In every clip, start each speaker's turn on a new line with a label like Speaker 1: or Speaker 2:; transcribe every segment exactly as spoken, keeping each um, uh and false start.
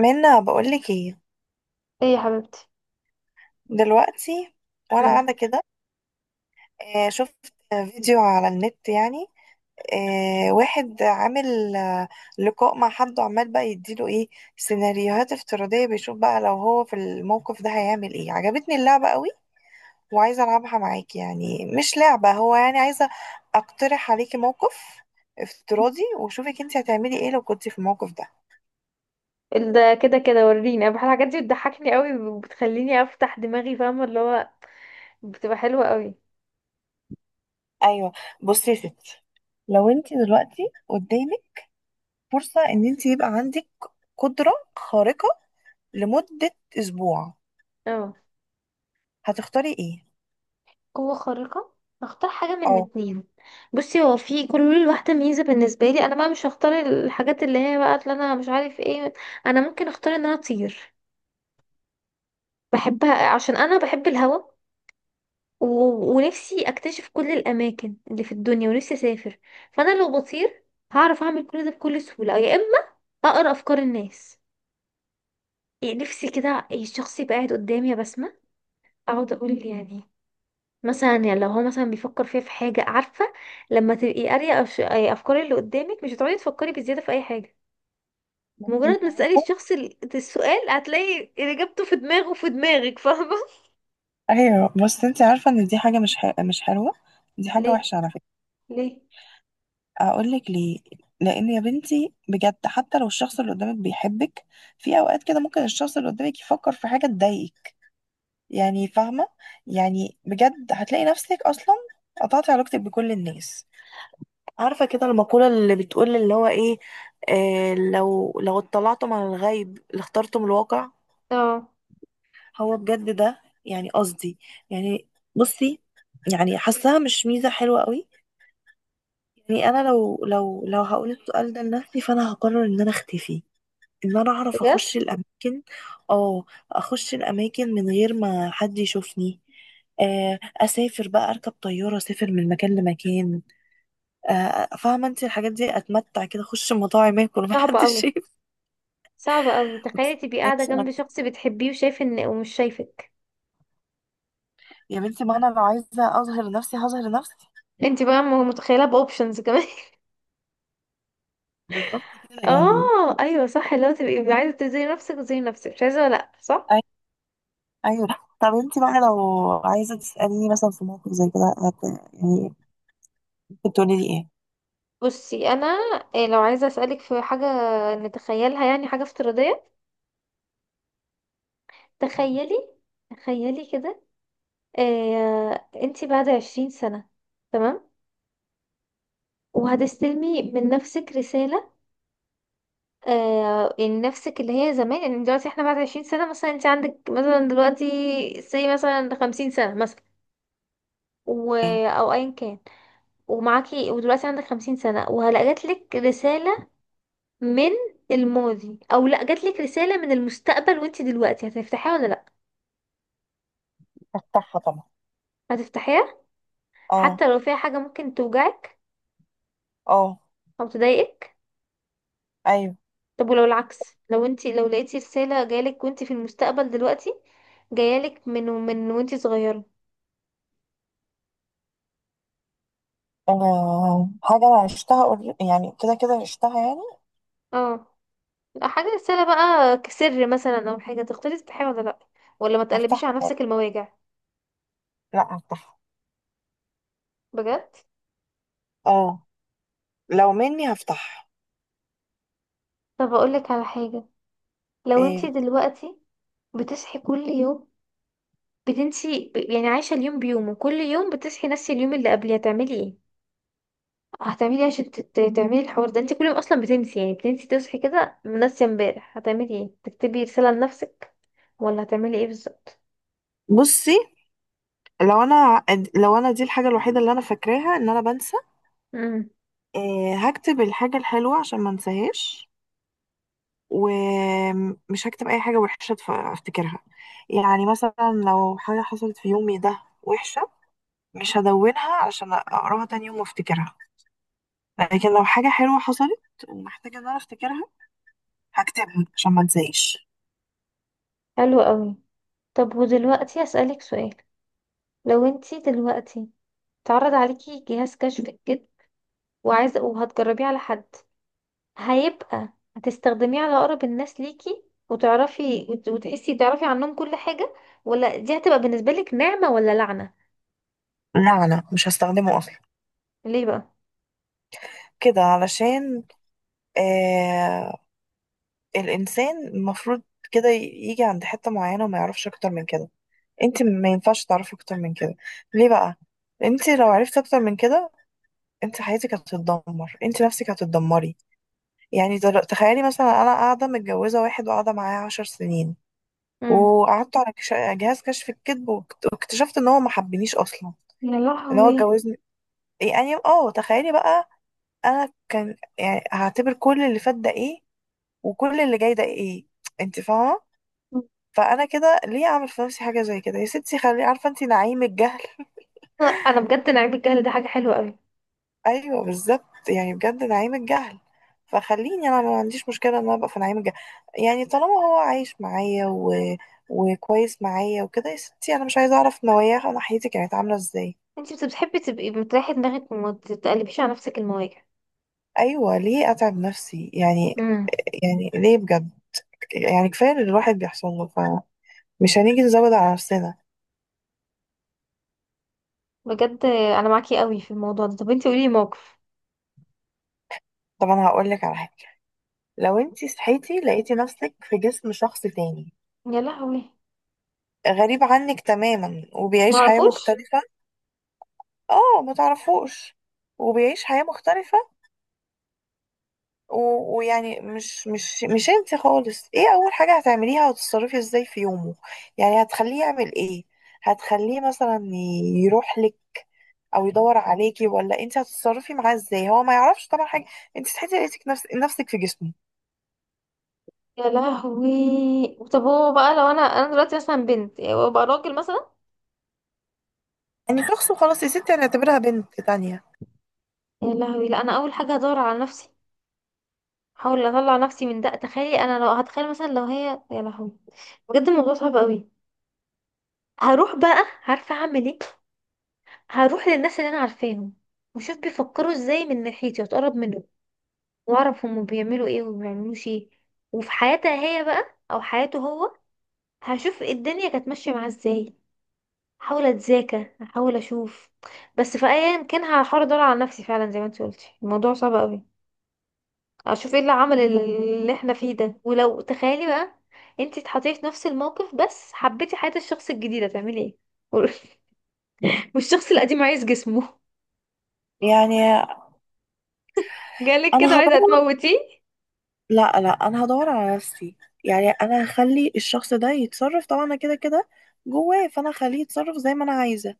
Speaker 1: منا بقولك ايه
Speaker 2: ايه يا حبيبتي.
Speaker 1: دلوقتي، وانا
Speaker 2: مم.
Speaker 1: قاعده كده. آه، شفت فيديو على النت، يعني آه، واحد عامل آه، لقاء مع حد وعمال بقى يديله ايه، سيناريوهات افتراضيه، بيشوف بقى لو هو في الموقف ده هيعمل ايه. عجبتني اللعبه قوي، وعايزه العبها معاكي، يعني مش لعبه، هو يعني عايزه اقترح عليكي موقف افتراضي وشوفك انت هتعملي ايه لو كنتي في الموقف ده.
Speaker 2: ده كده كده وريني، انا بحب الحاجات دي، بتضحكني قوي وبتخليني افتح دماغي، فاهمه اللي هو بتبقى حلوه قوي.
Speaker 1: ايوه، بصي يا ستي، لو انت دلوقتي قدامك فرصة ان انت يبقى عندك قدرة خارقة لمدة اسبوع،
Speaker 2: اه،
Speaker 1: هتختاري ايه؟
Speaker 2: قوة خارقة. هختار حاجه من
Speaker 1: اه،
Speaker 2: اتنين. بصي، هو في كل واحده ميزه بالنسبه لي، انا بقى مش هختار الحاجات اللي هي بقى اللي انا مش عارف ايه. انا ممكن اختار ان انا اطير، بحبها عشان انا بحب الهوا، و... ونفسي اكتشف كل الاماكن اللي في الدنيا ونفسي اسافر. فانا لو بطير هعرف اعمل كل ده بكل سهوله، يا اما اقرا افكار الناس. يعني نفسي كده إيه، الشخص يبقى قاعد قدامي يا بسمة، اقعد اقول يعني مثلا، يعني لو هو مثلا بيفكر فيها في حاجة، عارفة؟ لما تبقي قارية أف- افكار اللي قدامك مش هتقعدي تفكري بزيادة في اي حاجة.
Speaker 1: بس
Speaker 2: مجرد
Speaker 1: انت
Speaker 2: ما تسألي
Speaker 1: عارفة.
Speaker 2: الشخص ال- السؤال، هتلاقي اجابته في دماغه في دماغك، فاهمة؟
Speaker 1: ايوه، بس انت عارفة ان دي حاجة مش ح... مش حلوة. دي حاجة
Speaker 2: ليه؟
Speaker 1: وحشة على فكرة.
Speaker 2: ليه؟
Speaker 1: هقولك ليه. لان يا بنتي بجد، حتى لو الشخص اللي قدامك بيحبك، في اوقات كده ممكن الشخص اللي قدامك يفكر في حاجة تضايقك، يعني فاهمة؟ يعني بجد هتلاقي نفسك اصلا قطعتي علاقتك بكل الناس. عارفة كده المقولة اللي بتقول اللي هو ايه، آه لو لو اطلعتم على الغيب لاخترتم الواقع.
Speaker 2: اه،
Speaker 1: هو بجد ده، يعني قصدي، يعني، بصي، يعني حاساها مش ميزة حلوة قوي. يعني انا لو لو لو هقول السؤال ده لنفسي، فانا هقرر ان انا اختفي، ان انا اعرف
Speaker 2: بجد؟
Speaker 1: اخش الاماكن. اه. اخش الاماكن من غير ما حد يشوفني. آه، اسافر بقى اركب طياره، اسافر من مكان لمكان. آه، فاهمه انت الحاجات دي، اتمتع كده اخش مطاعم اكل
Speaker 2: صعبة
Speaker 1: ومحدش
Speaker 2: قوي.
Speaker 1: شايف.
Speaker 2: صعبة قوي، تخيلي
Speaker 1: بس
Speaker 2: تبقي قاعدة
Speaker 1: ماشي، ما
Speaker 2: جنب
Speaker 1: انت
Speaker 2: شخص بتحبيه وشايف ان ومش شايفك.
Speaker 1: يا بنتي، ما انا لو عايزه اظهر نفسي هظهر نفسي.
Speaker 2: انت بقى م- متخيلة باوبشنز كمان.
Speaker 1: بالظبط كده، يعني
Speaker 2: اه، ايوه، صح، اللي هو تبقي عايزه تزي نفسك زي نفسك، مش عايزه، لا، صح.
Speaker 1: أي- ايوه. طب انت بقى لو عايزه تساليني مثلا في موقف زي كده هت- يعني كنت تقولي لي
Speaker 2: بصي، انا إيه، لو عايزه اسالك في حاجه، نتخيلها يعني، حاجه افتراضيه. تخيلي، تخيلي كده، إيه انتي بعد عشرين سنه، تمام؟ وهتستلمي من نفسك رساله، آه إن نفسك اللي هي زمان، يعني دلوقتي احنا بعد عشرين سنه مثلا، انت عندك مثلا دلوقتي سي مثلا خمسين سنه مثلا، و...
Speaker 1: ايه؟
Speaker 2: او ايا كان. ومعاكي ودلوقتي عندك خمسين سنة وجاتلك رسالة من الماضي، او لا، جاتلك رسالة من المستقبل، وانتي دلوقتي هتفتحيها ولا لا؟
Speaker 1: افتحها طبعا.
Speaker 2: هتفتحيها
Speaker 1: اه.
Speaker 2: حتى لو فيها حاجة ممكن توجعك
Speaker 1: اه.
Speaker 2: او تضايقك؟
Speaker 1: ايوه.
Speaker 2: طب ولو العكس، لو انتي لو لقيتي رسالة جايلك وانتي في المستقبل دلوقتي، جايلك من من وانتي صغيرة.
Speaker 1: انا حاجه انا عشتها قر- يعني كده كده عشتها يعني.
Speaker 2: اه، حاجة، رسالة بقى كسر مثلا، او حاجة، تختاري تفتحيها ولا لا، ولا ما تقلبيش على
Speaker 1: هفتحها،
Speaker 2: نفسك المواجع؟
Speaker 1: لا هفتحها.
Speaker 2: بجد؟
Speaker 1: اه، لو مني هفتحها.
Speaker 2: طب اقولك على حاجة. لو انتي
Speaker 1: إيه،
Speaker 2: دلوقتي بتصحي كل يوم، بتنسي ب- يعني عايشة اليوم بيومه، كل يوم بتصحي نفس اليوم اللي قبليه، هتعملي ايه؟ هتعملي ايه عشان ت- ت- تعملي الحوار ده، انت كل يوم اصلا بتنسي، يعني بتنسي، تصحي كده ناسية امبارح، هتعملي ايه؟ تكتبي رسالة لنفسك ولا هتعملي ايه بالظبط؟
Speaker 1: بصي. لو انا لو انا دي الحاجه الوحيده اللي انا فاكراها ان انا بنسى.
Speaker 2: امم
Speaker 1: آه، هكتب الحاجه الحلوه عشان ما انساهاش. ومش هكتب اي حاجه وحشه اتف- افتكرها. يعني مثلا لو حاجه حصلت في يومي ده وحشه، مش هدونها عشان اقراها تاني يوم وافتكرها. لكن لو حاجه حلوه حصلت ومحتاجه ان انا افتكرها، هكتبها عشان ما انساهاش.
Speaker 2: حلو قوي. طب ودلوقتي اسألك سؤال. لو انت دلوقتي اتعرض عليكي جهاز كشف الكذب وعايزة وهتجربيه على حد، هيبقى هتستخدميه على اقرب الناس ليكي، وتعرفي وت- وتحسي تعرفي عنهم كل حاجة، ولا دي هتبقى بالنسبة لك نعمة ولا لعنة؟
Speaker 1: لا لا، مش هستخدمه اصلا،
Speaker 2: ليه بقى؟
Speaker 1: كده علشان آه الانسان المفروض كده يجي عند حته معينه وما يعرفش اكتر من كده. انت ما ينفعش تعرفي اكتر من كده. ليه بقى؟ انت لو عرفتي اكتر من كده، انت حياتك هتتدمر، انت نفسك هتتدمري. يعني در- تخيلي مثلا انا قاعده متجوزه واحد وقاعده معاه عشر سنين،
Speaker 2: امم.
Speaker 1: وقعدت على كش- جهاز كشف الكذب واكت- واكتشفت ان هو ما حبنيش اصلا،
Speaker 2: يا
Speaker 1: ان هو
Speaker 2: لهوي.
Speaker 1: اتجوزني. يعني اه تخيلي بقى، انا كان يعني هعتبر كل اللي فات ده ايه، وكل اللي جاي ده ايه؟ انت فاهمه؟ فانا كده ليه اعمل في نفسي حاجه زي كده؟ يا ستي، خلي عارفه انت نعيم الجهل.
Speaker 2: انا بجد، انا عيب الجهل ده حاجة حلوة قوي.
Speaker 1: ايوه بالظبط، يعني بجد نعيم الجهل. فخليني انا ما عنديش مشكله ان انا ابقى في نعيم الجهل. يعني طالما هو عايش معايا و... وكويس معايا وكده، يا ستي انا مش عايزه اعرف نواياه ناحيتي كانت عامله ازاي.
Speaker 2: انتي بت- بتحبي تبقي بتريحي دماغك وما تتقلبيش على نفسك المواجع.
Speaker 1: ايوه، ليه اتعب نفسي يعني؟
Speaker 2: امم.
Speaker 1: يعني ليه بجد؟ يعني كفايه اللي الواحد بيحصل له، فمش هنيجي نزود على نفسنا.
Speaker 2: بجد، انا معاكي قوي في الموضوع ده. طب انتي قولي موقف.
Speaker 1: طب انا هقول لك على حاجه، لو انتي صحيتي لقيتي نفسك في جسم شخص تاني،
Speaker 2: يا لهوي،
Speaker 1: غريب عنك تماما وبيعيش حياه
Speaker 2: معرفوش.
Speaker 1: مختلفه. اه ما تعرفوش. وبيعيش حياة مختلفة و... ويعني مش مش مش انت خالص، ايه اول حاجة هتعمليها وتتصرفي ازاي في يومه؟ يعني هتخليه يعمل ايه؟ هتخليه مثلا يروح لك، او يدور عليكي، ولا انت هتتصرفي معاه ازاي؟ هو ما يعرفش طبعا حاجة. انت صحيتي لقيتك نفس... نفسك في جسمه.
Speaker 2: يا لهوي، طب هو بقى، لو انا انا دلوقتي مثلا بنت وابقى راجل مثلا.
Speaker 1: يعني شخص وخلاص، يا ستي هنعتبرها بنت تانية.
Speaker 2: يا لهوي، لا، انا اول حاجه هدور على نفسي، احاول اطلع نفسي من ده. تخيلي انا لو هتخيل مثلا، لو هي، يا لهوي، بجد الموضوع صعب قوي. هروح بقى، عارفه اعمل ايه، هروح للناس اللي انا عارفاهم، وشوف بيفكروا ازاي من ناحيتي واتقرب منهم، واعرف هم بيعملوا ايه وما بيعملوش ايه. وفي حياتها هي بقى، او حياته هو، هشوف الدنيا كانت ماشيه معاه ازاي. احاول اتذاكى، احاول اشوف، بس في ايا كان هحاول ادور على نفسي فعلا، زي ما انت قلتي الموضوع صعب قوي. اشوف ايه اللي عمل اللي احنا فيه ده. ولو تخيلي بقى انتي اتحطيتي في نفس الموقف، بس حبيتي حياة الشخص الجديد، هتعملي ايه؟ والشخص القديم عايز جسمه.
Speaker 1: يعني
Speaker 2: جالك
Speaker 1: انا
Speaker 2: كده عايزة
Speaker 1: هدور،
Speaker 2: تموتيه.
Speaker 1: لا لا انا هدور على نفسي. يعني انا هخلي الشخص ده يتصرف، طبعا انا كده كده جواه، فانا هخليه يتصرف زي ما انا عايزه.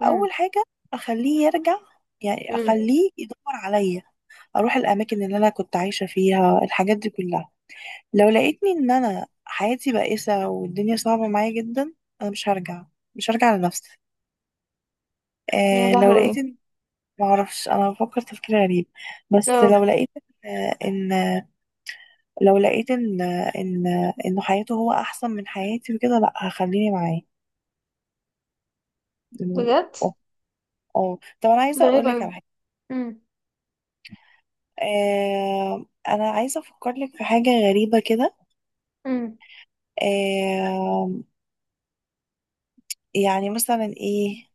Speaker 2: امم.
Speaker 1: حاجه اخليه يرجع، يعني
Speaker 2: امم.
Speaker 1: اخليه يدور عليا. اروح الاماكن اللي انا كنت عايشه فيها، الحاجات دي كلها. لو لقيتني ان انا حياتي بائسه والدنيا صعبه معايا جدا، انا مش هرجع، مش هرجع لنفسي.
Speaker 2: يا
Speaker 1: آه لو لقيت
Speaker 2: لهوي.
Speaker 1: ان معرفش، انا بفكر تفكير غريب، بس لو
Speaker 2: اه،
Speaker 1: لقيت آه ان لو لقيت ان ان انه حياته هو احسن من حياتي وكده، لا هخليني معاه. إنه-
Speaker 2: بجد؟
Speaker 1: اه. اه طب انا
Speaker 2: ده
Speaker 1: عايزه
Speaker 2: غريب
Speaker 1: اقول لك
Speaker 2: أوي.
Speaker 1: على حاجه.
Speaker 2: امم.
Speaker 1: آه انا عايزه افكر لك في حاجه غريبه كده.
Speaker 2: امم.
Speaker 1: آه يعني مثلا ايه،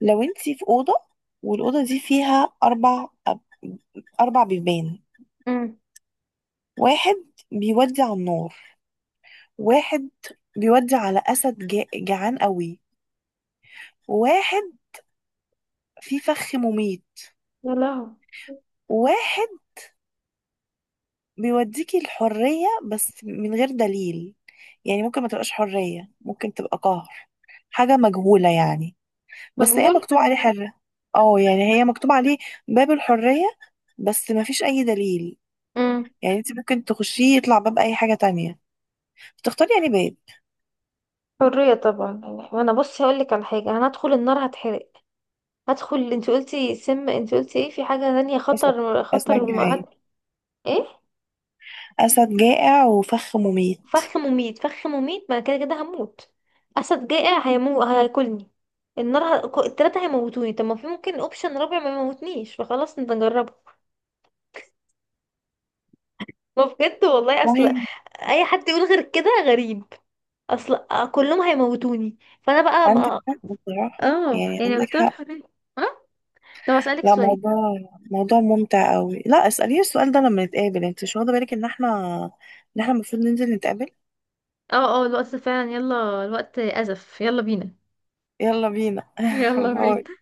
Speaker 1: لو انتي في اوضه والاوضه دي فيها اربع اربع بيبان.
Speaker 2: امم.
Speaker 1: واحد بيودي على النار، واحد بيودي على اسد جا- جعان قوي، واحد فيه فخ مميت،
Speaker 2: يا لهوي.
Speaker 1: واحد بيوديكي الحرية، بس من غير دليل. يعني ممكن ما تبقاش حرية، ممكن تبقى قهر، حاجة مجهولة يعني، بس هي
Speaker 2: مجهول.
Speaker 1: مكتوب عليه حرة. اه يعني هي مكتوب عليه باب الحرية، بس ما فيش أي دليل.
Speaker 2: امم.
Speaker 1: يعني انت ممكن تخشيه يطلع باب أي حاجة تانية. تختاري يعني باب
Speaker 2: حرية طبعا يعني. وانا بصي هقول لك على حاجة، انا هدخل النار هتحرق، هدخل، انت قلتي سم، انت قلتي ايه؟ في حاجة تانية،
Speaker 1: أسد،
Speaker 2: خطر،
Speaker 1: أسد
Speaker 2: خطر، م- هت...
Speaker 1: جعان،
Speaker 2: ايه؟
Speaker 1: أسد جائع وفخ مميت.
Speaker 2: فخ مميت، فخ مميت، ما أنا كده كده هموت. اسد جائع هيمو هياكلني. النار ه... ك- التلاتة هيموتوني. طب ما في ممكن اوبشن رابع ما يموتنيش، فخلاص نجربه. ما بجد والله، اصل
Speaker 1: والله
Speaker 2: اي حد يقول غير كده غريب. اصل كلهم هيموتوني، فانا بقى
Speaker 1: عندك
Speaker 2: ما...
Speaker 1: حق بصراحة،
Speaker 2: اه،
Speaker 1: يعني
Speaker 2: يعني
Speaker 1: عندك
Speaker 2: اختار
Speaker 1: حق.
Speaker 2: الحرية. اه، طب اسالك
Speaker 1: لا،
Speaker 2: سؤال.
Speaker 1: موضوع، موضوع ممتع قوي، لا اسأليني السؤال ده لما نتقابل، انت مش واخدة بالك ان احنا ان احنا المفروض ننزل نتقابل.
Speaker 2: اه، اه، الوقت فعلا، يلا الوقت ازف، يلا بينا.
Speaker 1: يلا بينا.
Speaker 2: يلا
Speaker 1: باي.
Speaker 2: بينا.